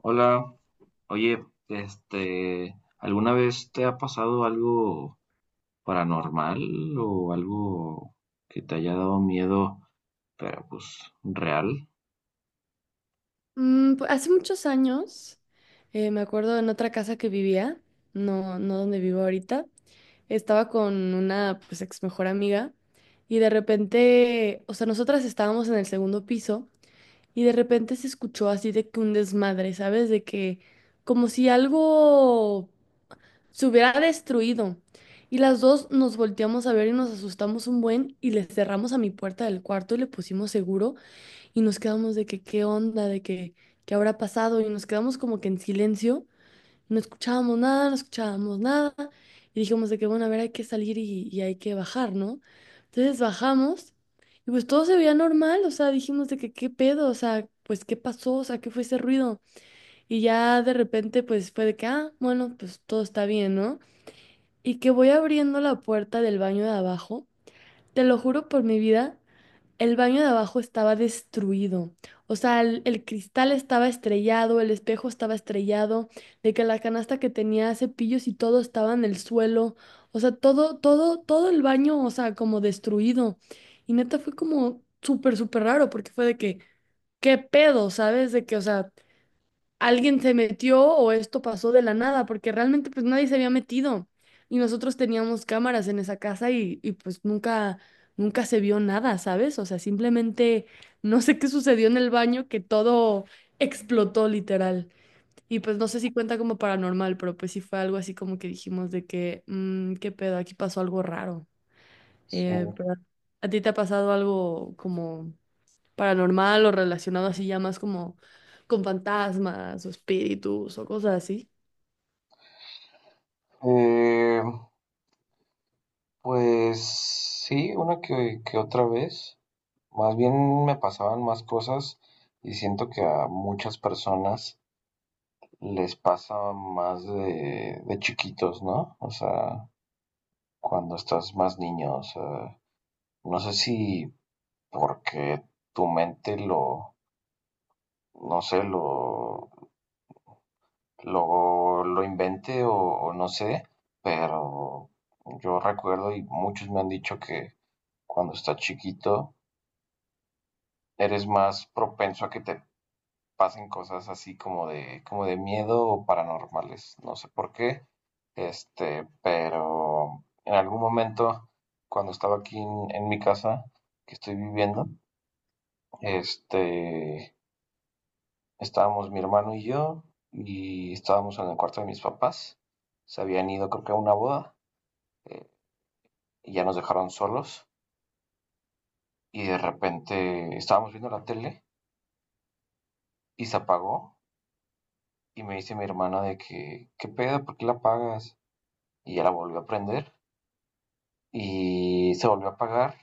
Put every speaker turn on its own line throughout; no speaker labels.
Hola, oye, ¿alguna vez te ha pasado algo paranormal o algo que te haya dado miedo, pero pues real?
Hace muchos años, me acuerdo en otra casa que vivía, no, no donde vivo ahorita, estaba con una pues ex mejor amiga y de repente, o sea, nosotras estábamos en el segundo piso y de repente se escuchó así de que un desmadre, ¿sabes? De que como si algo se hubiera destruido. Y las dos nos volteamos a ver y nos asustamos un buen y le cerramos a mi puerta del cuarto y le pusimos seguro y nos quedamos de que qué onda, de que qué habrá pasado y nos quedamos como que en silencio, no escuchábamos nada, no escuchábamos nada y dijimos de que bueno, a ver, hay que salir y hay que bajar, ¿no? Entonces bajamos y pues todo se veía normal, o sea, dijimos de que qué pedo, o sea, pues qué pasó, o sea, qué fue ese ruido y ya de repente pues fue de que ah, bueno, pues todo está bien, ¿no? Y que voy abriendo la puerta del baño de abajo. Te lo juro por mi vida, el baño de abajo estaba destruido. O sea, el cristal estaba estrellado, el espejo estaba estrellado, de que la canasta que tenía cepillos y todo estaba en el suelo. O sea, todo, todo, todo el baño, o sea, como destruido. Y neta fue como súper, súper raro porque fue de que, ¿qué pedo? ¿Sabes? De que, o sea, alguien se metió o esto pasó de la nada, porque realmente pues nadie se había metido y nosotros teníamos cámaras en esa casa y, pues nunca, nunca se vio nada, ¿sabes? O sea, simplemente no sé qué sucedió en el baño, que todo explotó literal. Y pues no sé si cuenta como paranormal, pero pues sí fue algo así como que dijimos de que, "Mm, qué pedo, aquí pasó algo raro".
Sí.
Pero, ¿a ti te ha pasado algo como paranormal o relacionado así ya más como con fantasmas o espíritus o cosas así?
Eh, pues sí, una que otra vez. Más bien me pasaban más cosas y siento que a muchas personas les pasa más de chiquitos, ¿no? O sea, cuando estás más niño, o sea, no sé si porque tu mente no sé, lo invente o no sé, pero yo recuerdo y muchos me han dicho que cuando estás chiquito eres más propenso a que te pasen cosas así como de miedo o paranormales, no sé por qué, pero en algún momento cuando estaba aquí en mi casa que estoy viviendo, este, estábamos mi hermano y yo, y estábamos en el cuarto de mis papás. Se habían ido, creo que a una boda, eh, y ya nos dejaron solos. Y de repente estábamos viendo la tele y se apagó. Y me dice mi hermana de que, ¿qué pedo? ¿Por qué la apagas? Y ya la volvió a prender y se volvió a apagar.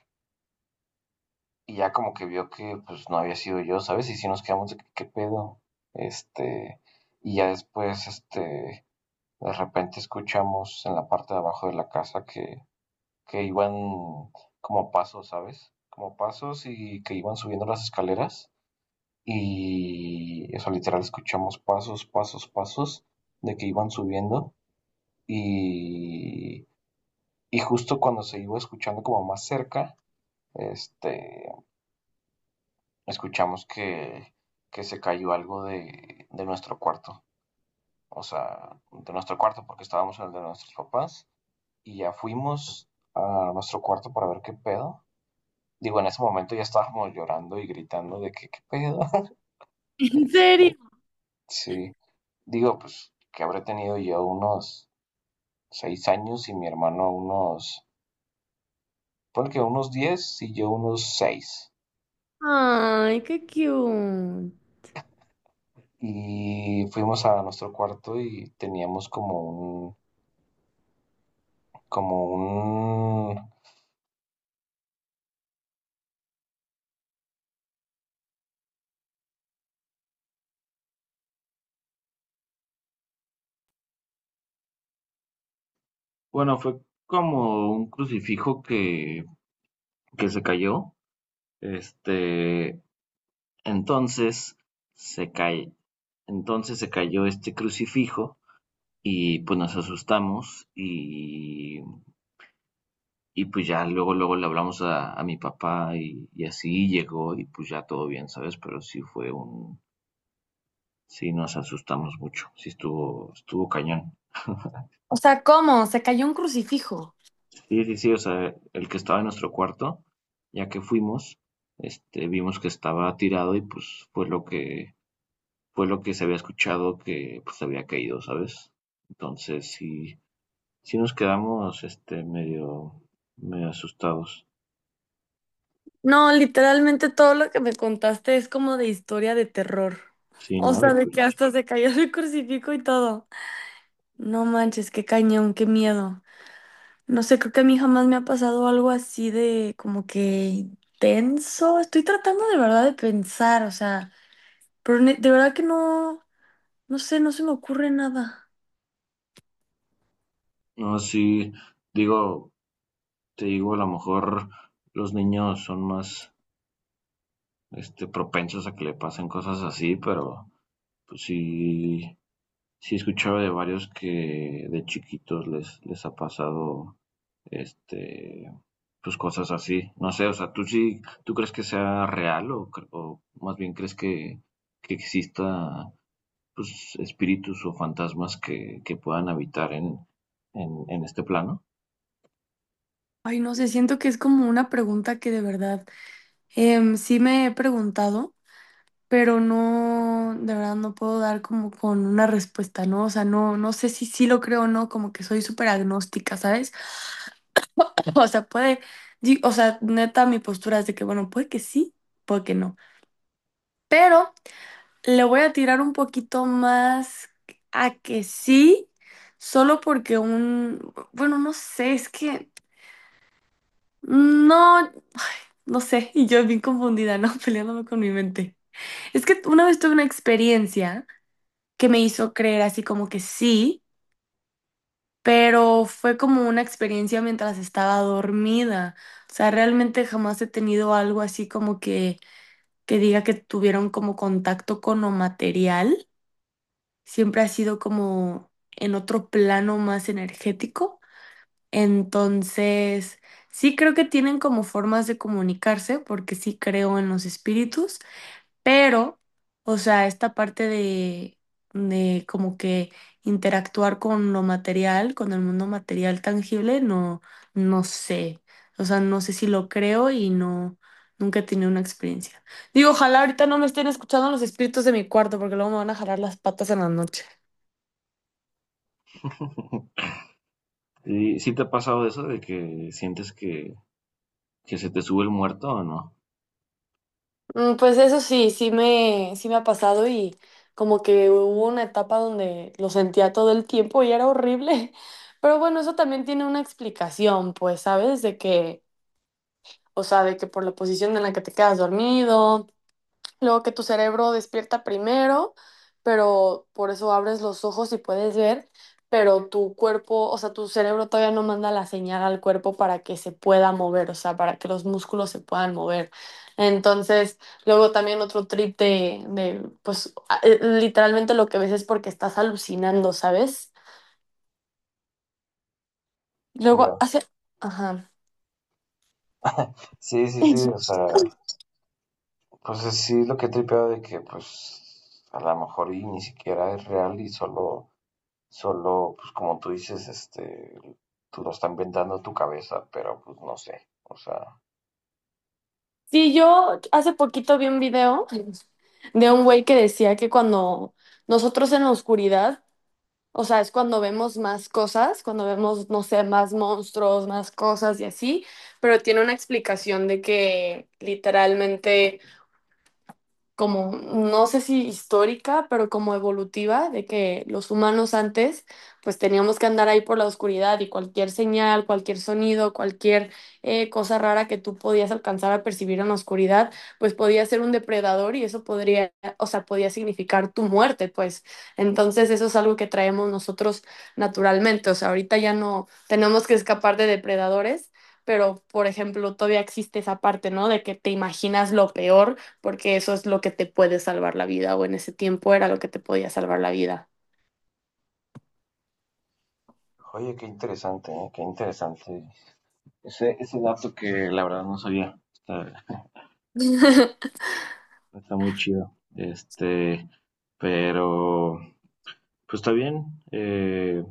Y ya como que vio que pues no había sido yo, ¿sabes? Y si nos quedamos de que, ¿qué pedo? Este, y ya después, de repente escuchamos en la parte de abajo de la casa que iban como pasos, ¿sabes? Como pasos y que iban subiendo las escaleras. Y eso literal escuchamos pasos, pasos, pasos de que iban subiendo. Y, y justo cuando se iba escuchando como más cerca, este, escuchamos que se cayó algo de nuestro cuarto. O sea, de nuestro cuarto porque estábamos en el de nuestros papás. Y ya fuimos a nuestro cuarto para ver qué pedo. Digo, en ese momento ya estábamos llorando y gritando de que qué pedo.
¿En
Este,
serio?
sí, digo, pues que habré tenido yo unos 6 años y mi hermano ponle que unos 10 y yo unos 6.
Ay, qué cute.
Y fuimos a nuestro cuarto y teníamos como un, bueno, fue como un crucifijo que se cayó. Este, entonces se cae, entonces se cayó este crucifijo y pues nos asustamos y pues ya luego, luego le hablamos a mi papá y así llegó y pues ya todo bien, ¿sabes? Pero sí fue sí nos asustamos mucho, sí estuvo cañón.
O sea, ¿cómo? Se cayó un crucifijo.
Sí, sí, sí, o sea, el que estaba en nuestro cuarto, ya que fuimos, vimos que estaba tirado y pues fue lo que, se había escuchado que pues había caído, ¿sabes? Entonces sí, sí nos quedamos, medio asustados.
No, literalmente todo lo que me contaste es como de historia de terror.
Sí,
O
no, de
sea, de que
plano.
hasta se cayó el crucifijo y todo. No manches, qué cañón, qué miedo. No sé, creo que a mí jamás me ha pasado algo así de como que tenso. Estoy tratando de verdad de pensar, o sea. Pero de verdad que no, no sé, no se me ocurre nada.
No, sí, digo, te digo, a lo mejor los niños son más, propensos a que le pasen cosas así, pero pues sí, sí escuchaba de varios que de chiquitos les ha pasado, este, pues cosas así. No sé, o sea, tú crees que sea real o más bien crees que exista, pues, espíritus o fantasmas que puedan habitar en este plano?
Ay, no sé, siento que es como una pregunta que de verdad sí me he preguntado, pero no, de verdad no puedo dar como con una respuesta, ¿no? O sea, no, no sé si sí lo creo o no, como que soy súper agnóstica, ¿sabes? O sea, puede, o sea, neta, mi postura es de que, bueno, puede que sí, puede que no. Pero le voy a tirar un poquito más a que sí, solo porque un, bueno, no sé, es que. No, no sé, y yo bien confundida, ¿no? Peleándome con mi mente. Es que una vez tuve una experiencia que me hizo creer así como que sí, pero fue como una experiencia mientras estaba dormida. O sea, realmente jamás he tenido algo así como que, diga que tuvieron como contacto con lo material. Siempre ha sido como en otro plano más energético. Entonces, sí creo que tienen como formas de comunicarse, porque sí creo en los espíritus, pero, o sea, esta parte de como que interactuar con lo material, con el mundo material tangible, no, no sé. O sea, no sé si lo creo y no, nunca he tenido una experiencia. Digo, ojalá ahorita no me estén escuchando los espíritus de mi cuarto, porque luego me van a jalar las patas en la noche.
¿Y sí te ha pasado eso de que sientes que se te sube el muerto o no?
Pues eso sí, sí me ha pasado y como que hubo una etapa donde lo sentía todo el tiempo y era horrible. Pero bueno, eso también tiene una explicación, pues, ¿sabes? De que, o sea, de que por la posición en la que te quedas dormido. Luego que tu cerebro despierta primero, pero por eso abres los ojos y puedes ver, pero tu cuerpo, o sea, tu cerebro todavía no manda la señal al cuerpo para que se pueda mover, o sea, para que los músculos se puedan mover. Entonces, luego también otro trip de pues, literalmente lo que ves es porque estás alucinando, ¿sabes? Luego
Ya.
hace. Ajá.
Sí, sí, sí, o sea, pues sí lo que he tripeado de que pues a lo mejor y ni siquiera es real y solo, pues como tú dices, tú lo estás inventando tu cabeza, pero pues no sé, o sea,
Sí, yo hace poquito vi un video de un güey que decía que cuando nosotros en la oscuridad, o sea, es cuando vemos más cosas, cuando vemos, no sé, más monstruos, más cosas y así, pero tiene una explicación de que literalmente como, no sé si histórica, pero como evolutiva, de que los humanos antes, pues teníamos que andar ahí por la oscuridad y cualquier señal, cualquier sonido, cualquier cosa rara que tú podías alcanzar a percibir en la oscuridad, pues podía ser un depredador y eso podría, o sea, podía significar tu muerte, pues. Entonces eso es algo que traemos nosotros naturalmente, o sea, ahorita ya no tenemos que escapar de depredadores. Pero, por ejemplo, todavía existe esa parte, ¿no? De que te imaginas lo peor porque eso es lo que te puede salvar la vida, o en ese tiempo era lo que te podía salvar la vida.
oye, qué interesante, ¿eh? Qué interesante. Ese dato que la verdad no sabía. Está muy chido. Pero pues está bien. eh,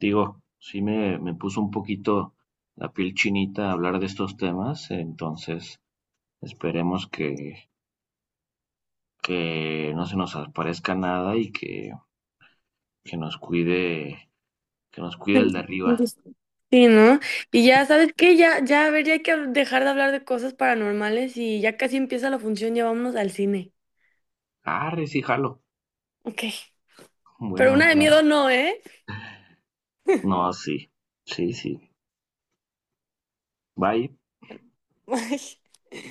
Digo, sí me puso un poquito la piel chinita hablar de estos temas, entonces esperemos que no se nos aparezca nada y que nos cuide, que nos cuide el de arriba.
Sí, ¿no? Y ya, ¿sabes qué? Ya, ya, a ver, ya hay que dejar de hablar de cosas paranormales y ya casi empieza la función, ya vámonos al cine.
Arre, sí, jalo.
Ok. Pero una
Bueno,
de
va.
miedo no, ¿eh?
No, sí, sí, sí. Bye.